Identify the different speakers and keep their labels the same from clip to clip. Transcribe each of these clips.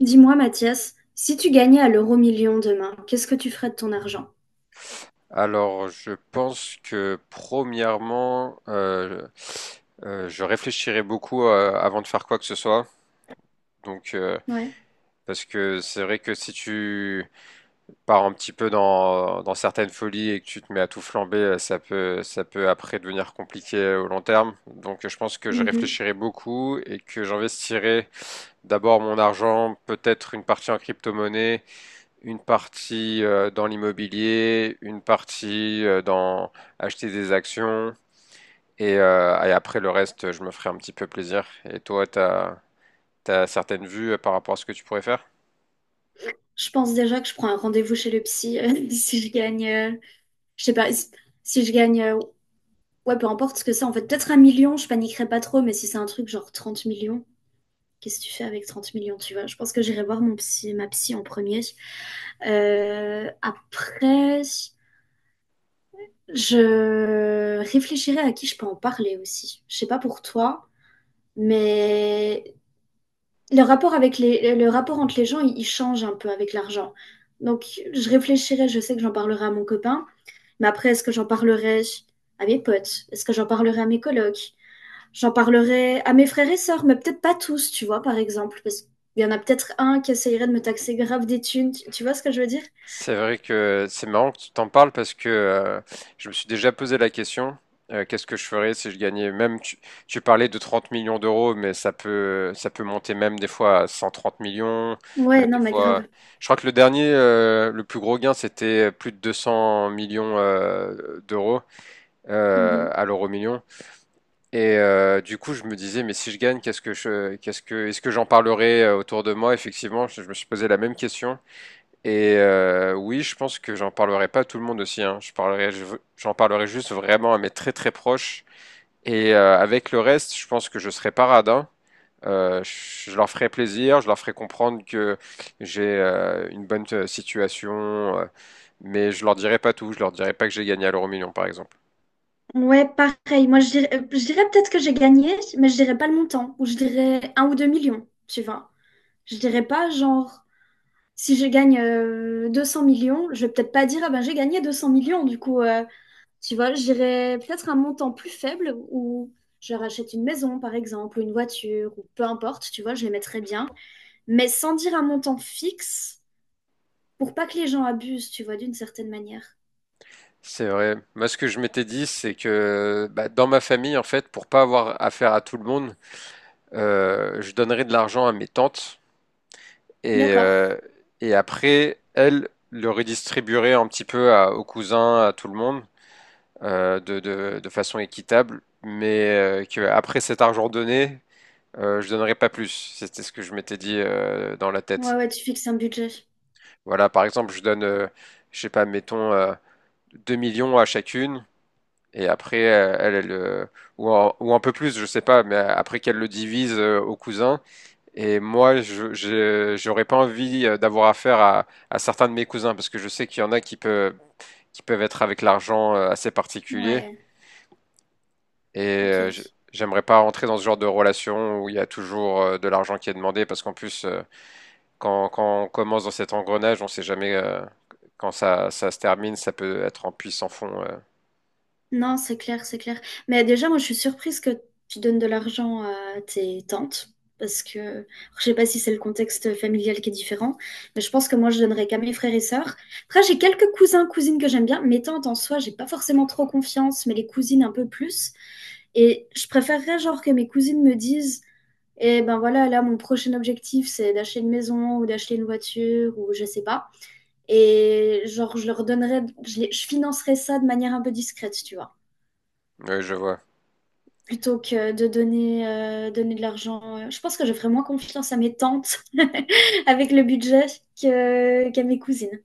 Speaker 1: Dis-moi, Mathias, si tu gagnais à l'euro-million demain, qu'est-ce que tu ferais de ton argent?
Speaker 2: Alors, je pense que premièrement, je réfléchirai beaucoup avant de faire quoi que ce soit. Donc, euh,
Speaker 1: Ouais.
Speaker 2: Parce que c'est vrai que si tu pars un petit peu dans certaines folies et que tu te mets à tout flamber, ça peut après devenir compliqué au long terme. Donc, je pense que je
Speaker 1: Mhm.
Speaker 2: réfléchirai beaucoup et que j'investirai d'abord mon argent, peut-être une partie en crypto-monnaie, une partie dans l'immobilier, une partie dans acheter des actions, et après le reste, je me ferai un petit peu plaisir. Et t'as certaines vues par rapport à ce que tu pourrais faire?
Speaker 1: Je pense déjà que je prends un rendez-vous chez le psy si je gagne, je sais pas, si si je gagne, ouais, peu importe ce que c'est. En fait, peut-être un million, je paniquerais pas trop, mais si c'est un truc genre trente millions, qu'est-ce que tu fais avec 30 millions, tu vois? Je pense que j'irai voir mon psy, ma psy en premier. Après, je réfléchirai à qui je peux en parler aussi. Je sais pas pour toi, mais le rapport avec le rapport entre les gens, il change un peu avec l'argent. Donc, je réfléchirai, je sais que j'en parlerai à mon copain, mais après, est-ce que j'en parlerai à mes potes? Est-ce que j'en parlerai à mes colocs? J'en parlerai à mes frères et sœurs, mais peut-être pas tous, tu vois, par exemple, parce qu'il y en a peut-être un qui essayerait de me taxer grave des thunes, tu vois ce que je veux dire?
Speaker 2: C'est vrai que c'est marrant que tu t'en parles parce que je me suis déjà posé la question, qu'est-ce que je ferais si je gagnais même, tu parlais de 30 millions d'euros, mais ça peut monter même des fois à 130 millions, même
Speaker 1: Ouais,
Speaker 2: des
Speaker 1: non, mais
Speaker 2: fois.
Speaker 1: grave.
Speaker 2: Je crois que le dernier, le plus gros gain, c'était plus de 200 millions d'euros
Speaker 1: Mhm.
Speaker 2: à l'euro million. Du coup, je me disais, mais si je gagne, qu'est-ce que je, qu'est-ce que, est-ce que j'en parlerai autour de moi? Effectivement, je me suis posé la même question. Oui, je pense que j'en parlerai pas à tout le monde aussi. Hein. Je parlerai, je- veux- J'en parlerai juste vraiment à mes très très proches. Avec le reste, je pense que je serai pas radin. Je leur ferai plaisir, je leur ferai comprendre que j'ai une bonne situation, mais je leur dirai pas tout. Je leur dirai pas que j'ai gagné à l'euro million, par exemple.
Speaker 1: Ouais, pareil. Moi, je dirais peut-être que j'ai gagné, mais je dirais pas le montant, ou je dirais un ou deux millions, tu vois. Je dirais pas genre. Si je gagne 200 millions, je vais peut-être pas dire, ah ben j'ai gagné 200 millions, du coup, tu vois, j'irai peut-être un montant plus faible où je rachète une maison, par exemple, ou une voiture, ou peu importe, tu vois, je les mettrai bien, mais sans dire un montant fixe pour pas que les gens abusent, tu vois, d'une certaine manière.
Speaker 2: C'est vrai. Moi, ce que je m'étais dit, c'est que bah, dans ma famille, en fait, pour pas avoir affaire à tout le monde, je donnerai de l'argent à mes tantes. Et,
Speaker 1: D'accord.
Speaker 2: euh, et après, elle le redistribuerait un petit peu aux cousins, à tout le monde, de façon équitable, mais que après cet argent donné, je donnerais pas plus. C'était ce que je m'étais dit dans la
Speaker 1: Ouais,
Speaker 2: tête.
Speaker 1: ouais, tu fixes un budget.
Speaker 2: Voilà, par exemple, je donne, je sais pas, mettons 2 millions à chacune, et après, elle, elle, ou un peu plus, je sais pas, mais après qu'elle le divise aux cousins. Et moi, j'aurais pas envie d'avoir affaire à certains de mes cousins parce que je sais qu'il y en a qui peuvent être avec l'argent assez particulier.
Speaker 1: Ouais,
Speaker 2: Et
Speaker 1: ok.
Speaker 2: euh, je- J'aimerais pas rentrer dans ce genre de relation où il y a toujours de l'argent qui est demandé parce qu'en plus, quand on commence dans cet engrenage, on sait jamais ça se termine, ça peut être en puits sans fond.
Speaker 1: Non, c'est clair, c'est clair. Mais déjà, moi, je suis surprise que tu donnes de l'argent à tes tantes, parce que je sais pas si c'est le contexte familial qui est différent, mais je pense que moi, je donnerais qu'à mes frères et sœurs. Après, j'ai quelques cousins, cousines que j'aime bien. Mes tantes, en soi, j'ai pas forcément trop confiance, mais les cousines un peu plus. Et je préférerais, genre, que mes cousines me disent, eh ben voilà, là, mon prochain objectif, c'est d'acheter une maison ou d'acheter une voiture ou je sais pas. Et genre, je leur donnerais, je financerais ça de manière un peu discrète, tu vois.
Speaker 2: Oui, je vois.
Speaker 1: Plutôt que de donner, donner de l'argent. Je pense que je ferais moins confiance à mes tantes avec le budget qu'à mes cousines.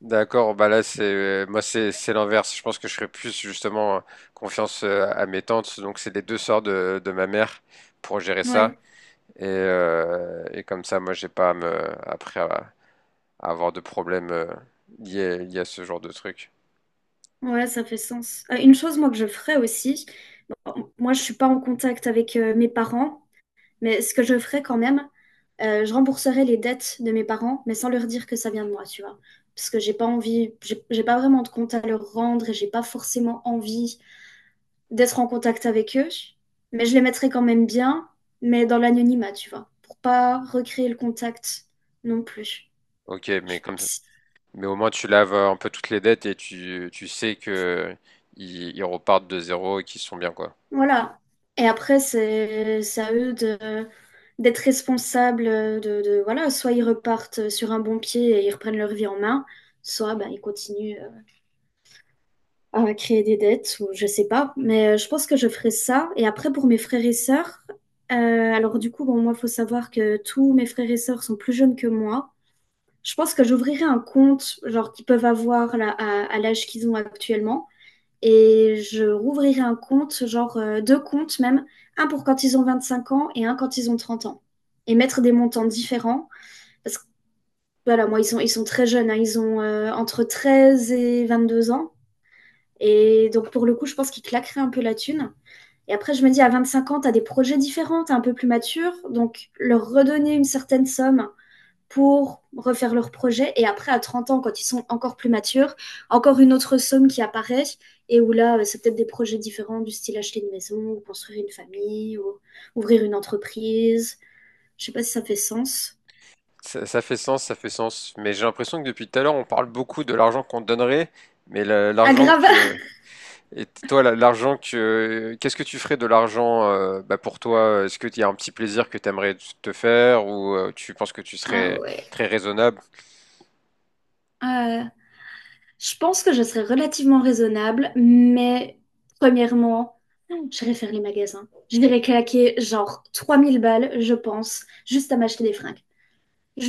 Speaker 2: D'accord, bah là c'est moi c'est l'inverse. Je pense que je serais plus justement confiance à mes tantes. Donc c'est les deux sœurs de ma mère pour gérer ça.
Speaker 1: Ouais,
Speaker 2: Et comme ça, moi j'ai pas à me après à avoir de problème liés à ce genre de truc.
Speaker 1: ouais, ça fait sens. Une chose, moi, que je ferais aussi, bon, moi, je suis pas en contact avec mes parents, mais ce que je ferais quand même, je rembourserais les dettes de mes parents, mais sans leur dire que ça vient de moi, tu vois. Parce que j'ai pas envie, j'ai pas vraiment de compte à leur rendre et j'ai pas forcément envie d'être en contact avec eux, mais je les mettrai quand même bien, mais dans l'anonymat, tu vois, pour pas recréer le contact non plus.
Speaker 2: Ok, mais
Speaker 1: Je-
Speaker 2: comme mais au moins tu laves un peu toutes les dettes et tu sais que ils repartent de zéro et qu'ils sont bien quoi.
Speaker 1: Voilà. Et après, c'est à eux de d'être responsables de voilà, soit ils repartent sur un bon pied et ils reprennent leur vie en main, soit ben, ils continuent à créer des dettes ou je sais pas. Mais je pense que je ferai ça. Et après, pour mes frères et sœurs, alors du coup, bon, moi, il faut savoir que tous mes frères et sœurs sont plus jeunes que moi. Je pense que j'ouvrirai un compte, genre qu'ils peuvent avoir là, à l'âge qu'ils ont actuellement. Et je rouvrirai un compte, deux comptes même, un pour quand ils ont 25 ans et un quand ils ont 30 ans. Et mettre des montants différents. Parce que voilà, moi, ils sont très jeunes, hein, ils ont entre 13 et 22 ans. Et donc, pour le coup, je pense qu'ils claqueraient un peu la thune. Et après, je me dis, à 25 ans, t'as des projets différents, t'es un peu plus mature. Donc, leur redonner une certaine somme pour refaire leur projet. Et après, à 30 ans, quand ils sont encore plus matures, encore une autre somme qui apparaît et où là, c'est peut-être des projets différents du style acheter une maison, ou construire une famille, ou ouvrir une entreprise. Je sais pas si ça fait sens.
Speaker 2: Ça fait sens, ça fait sens. Mais j'ai l'impression que depuis tout à l'heure on parle beaucoup de l'argent qu'on donnerait, mais le- l'argent
Speaker 1: Aggrave.
Speaker 2: que et l'argent qu'est-ce que tu ferais de l'argent, bah, pour toi? Est-ce que il y a un petit plaisir que tu aimerais te faire ou tu penses que tu
Speaker 1: Ah
Speaker 2: serais
Speaker 1: ouais.
Speaker 2: très raisonnable?
Speaker 1: Euh, je pense que je serais relativement raisonnable, mais premièrement, j'irais faire les magasins. Je dirais claquer genre 3000 balles, je pense, juste à m'acheter des fringues.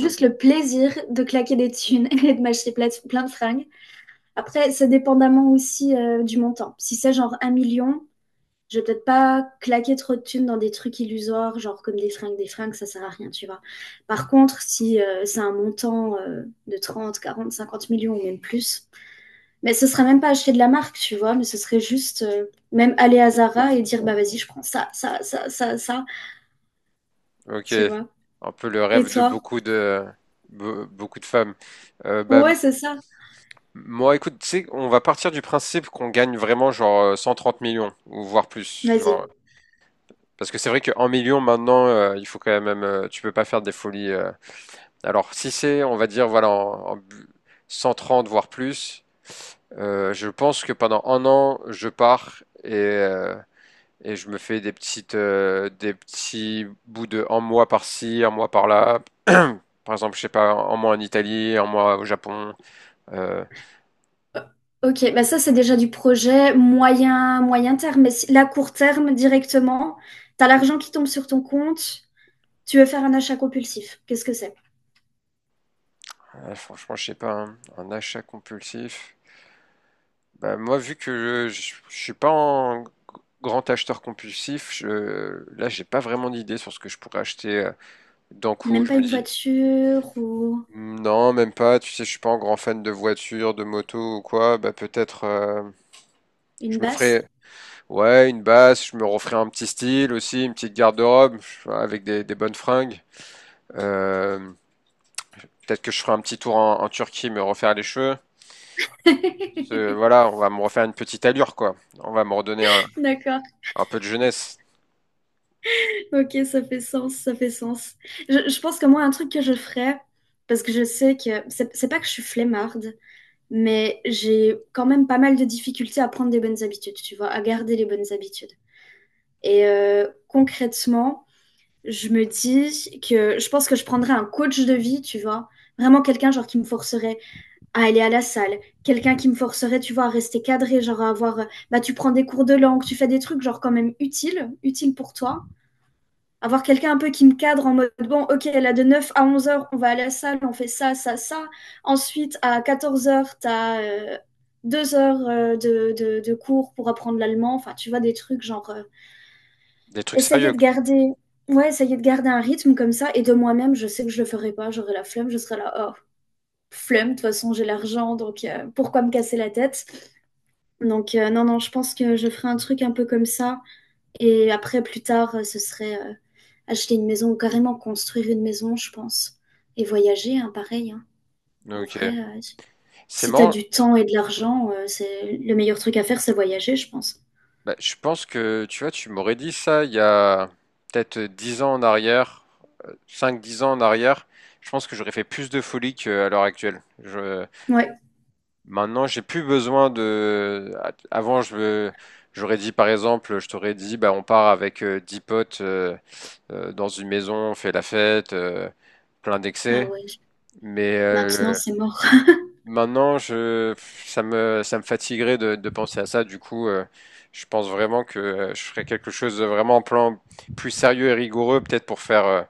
Speaker 2: Ok.
Speaker 1: le plaisir de claquer des thunes et de m'acheter plein de fringues. Après, ça dépendamment aussi du montant. Si c'est genre un million, je vais peut-être pas claquer trop de thunes dans des trucs illusoires, genre comme des fringues, ça sert à rien, tu vois. Par contre, si c'est un montant de 30, 40, 50 millions ou même plus, mais ce serait même pas acheter de la marque, tu vois, mais ce serait juste même aller à Zara et dire, bah vas-y, je prends ça, ça, ça, ça, ça,
Speaker 2: Ok.
Speaker 1: tu vois.
Speaker 2: Un peu le
Speaker 1: Et
Speaker 2: rêve de
Speaker 1: toi?
Speaker 2: beaucoup de beaucoup de femmes. Euh, bah, m-
Speaker 1: Ouais, c'est ça.
Speaker 2: Moi, écoute, tu sais, on va partir du principe qu'on gagne vraiment genre 130 millions ou voire plus,
Speaker 1: Vas-y.
Speaker 2: genre. Parce que c'est vrai qu'en million maintenant, il faut quand même, tu peux pas faire des folies. Alors si c'est, on va dire, voilà, 130 voire plus. Je pense que pendant 1 an, je pars et je me fais des des petits bouts de 1 mois par-ci, 1 mois par-là. Par exemple, je sais pas, 1 mois en Italie, 1 mois au Japon. Euh,
Speaker 1: Ok, bah ça c'est déjà du projet moyen, moyen terme, mais si, là court terme directement, t'as l'argent qui tombe sur ton compte, tu veux faire un achat compulsif. Qu'est-ce que c'est?
Speaker 2: ouais, franchement, je sais pas, hein, un achat compulsif. Bah, moi, vu que je suis pas un grand acheteur compulsif, là, j'ai pas vraiment d'idée sur ce que je pourrais acheter d'un coup.
Speaker 1: Même
Speaker 2: Je
Speaker 1: pas
Speaker 2: me
Speaker 1: une
Speaker 2: dis,
Speaker 1: voiture ou
Speaker 2: non, même pas. Tu sais, je suis pas un grand fan de voitures, de motos ou quoi. Bah, peut-être.
Speaker 1: une
Speaker 2: Je me
Speaker 1: basse?
Speaker 2: ferais, ouais, une basse, je me referais un petit style aussi, une petite garde-robe avec des bonnes fringues. Euh, Peut-être que je ferai un petit tour en Turquie, me refaire les cheveux. Voilà, on va me refaire une petite allure, quoi. On va me redonner
Speaker 1: D'accord.
Speaker 2: un peu de jeunesse,
Speaker 1: Ok, ça fait sens, ça fait sens. Je pense que moi, un truc que je ferais, parce que je sais que c'est pas que je suis flemmarde, mais j'ai quand même pas mal de difficultés à prendre des bonnes habitudes, tu vois, à garder les bonnes habitudes. Et concrètement, je me dis que je pense que je prendrais un coach de vie, tu vois. Vraiment quelqu'un genre qui me forcerait à aller à la salle, quelqu'un qui me forcerait, tu vois, à rester cadré, genre à avoir, bah tu prends des cours de langue, tu fais des trucs genre quand même utiles, utiles pour toi. Avoir quelqu'un un peu qui me cadre en mode, bon, ok, là de 9 à 11 heures, on va à la salle, on fait ça, ça, ça. Ensuite, à 14 heures, t'as deux heures de cours pour apprendre l'allemand, enfin, tu vois, des trucs genre...
Speaker 2: des trucs
Speaker 1: Essayer
Speaker 2: sérieux,
Speaker 1: de
Speaker 2: quoi.
Speaker 1: garder ouais, essayer de garder un rythme comme ça et de moi-même, je sais que je le ferai pas, j'aurai la flemme, je serai là: «Oh, flemme, de toute façon, j'ai l'argent donc pourquoi me casser la tête?» donc non, non, je pense que je ferai un truc un peu comme ça et après plus tard, ce serait, acheter une maison ou carrément construire une maison, je pense et voyager, hein, pareil, hein. En
Speaker 2: Donc, euh,
Speaker 1: vrai,
Speaker 2: c'est
Speaker 1: si t'as
Speaker 2: marrant.
Speaker 1: du temps et de l'argent, c'est le meilleur truc à faire, c'est voyager, je pense.
Speaker 2: Bah, je pense que, tu vois, tu m'aurais dit ça il y a peut-être 10 ans en arrière, 5 10 ans en arrière. Je pense que j'aurais fait plus de folie qu'à l'heure actuelle.
Speaker 1: Ouais.
Speaker 2: Maintenant, j'ai plus besoin de. Avant, je J'aurais dit par exemple, je t'aurais dit, bah, on part avec 10 potes dans une maison, on fait la fête, plein
Speaker 1: Ah
Speaker 2: d'excès.
Speaker 1: ouais,
Speaker 2: Mais
Speaker 1: maintenant, c'est mort.
Speaker 2: maintenant, je Ça me ça me fatiguerait de penser à ça. Je pense vraiment que je ferais quelque chose de vraiment en plan plus sérieux et rigoureux, peut-être pour faire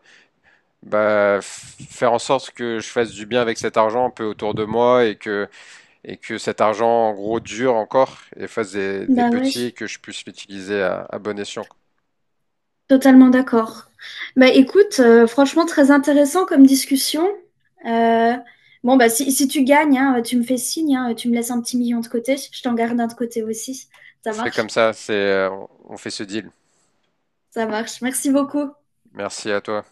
Speaker 2: bah, faire en sorte que je fasse du bien avec cet argent un peu autour de moi et que cet argent, en gros, dure encore et fasse des
Speaker 1: Bah ouais.
Speaker 2: petits et que je puisse l'utiliser à bon escient.
Speaker 1: Totalement d'accord. Bah écoute, franchement très intéressant comme discussion. Euh, bon bah si, si tu gagnes, hein, tu me fais signe, hein, tu me laisses un petit million de côté, je t'en garde un de côté aussi.
Speaker 2: On
Speaker 1: Ça
Speaker 2: fait
Speaker 1: marche,
Speaker 2: comme ça, on fait ce deal.
Speaker 1: ça marche. Merci beaucoup.
Speaker 2: Merci à toi.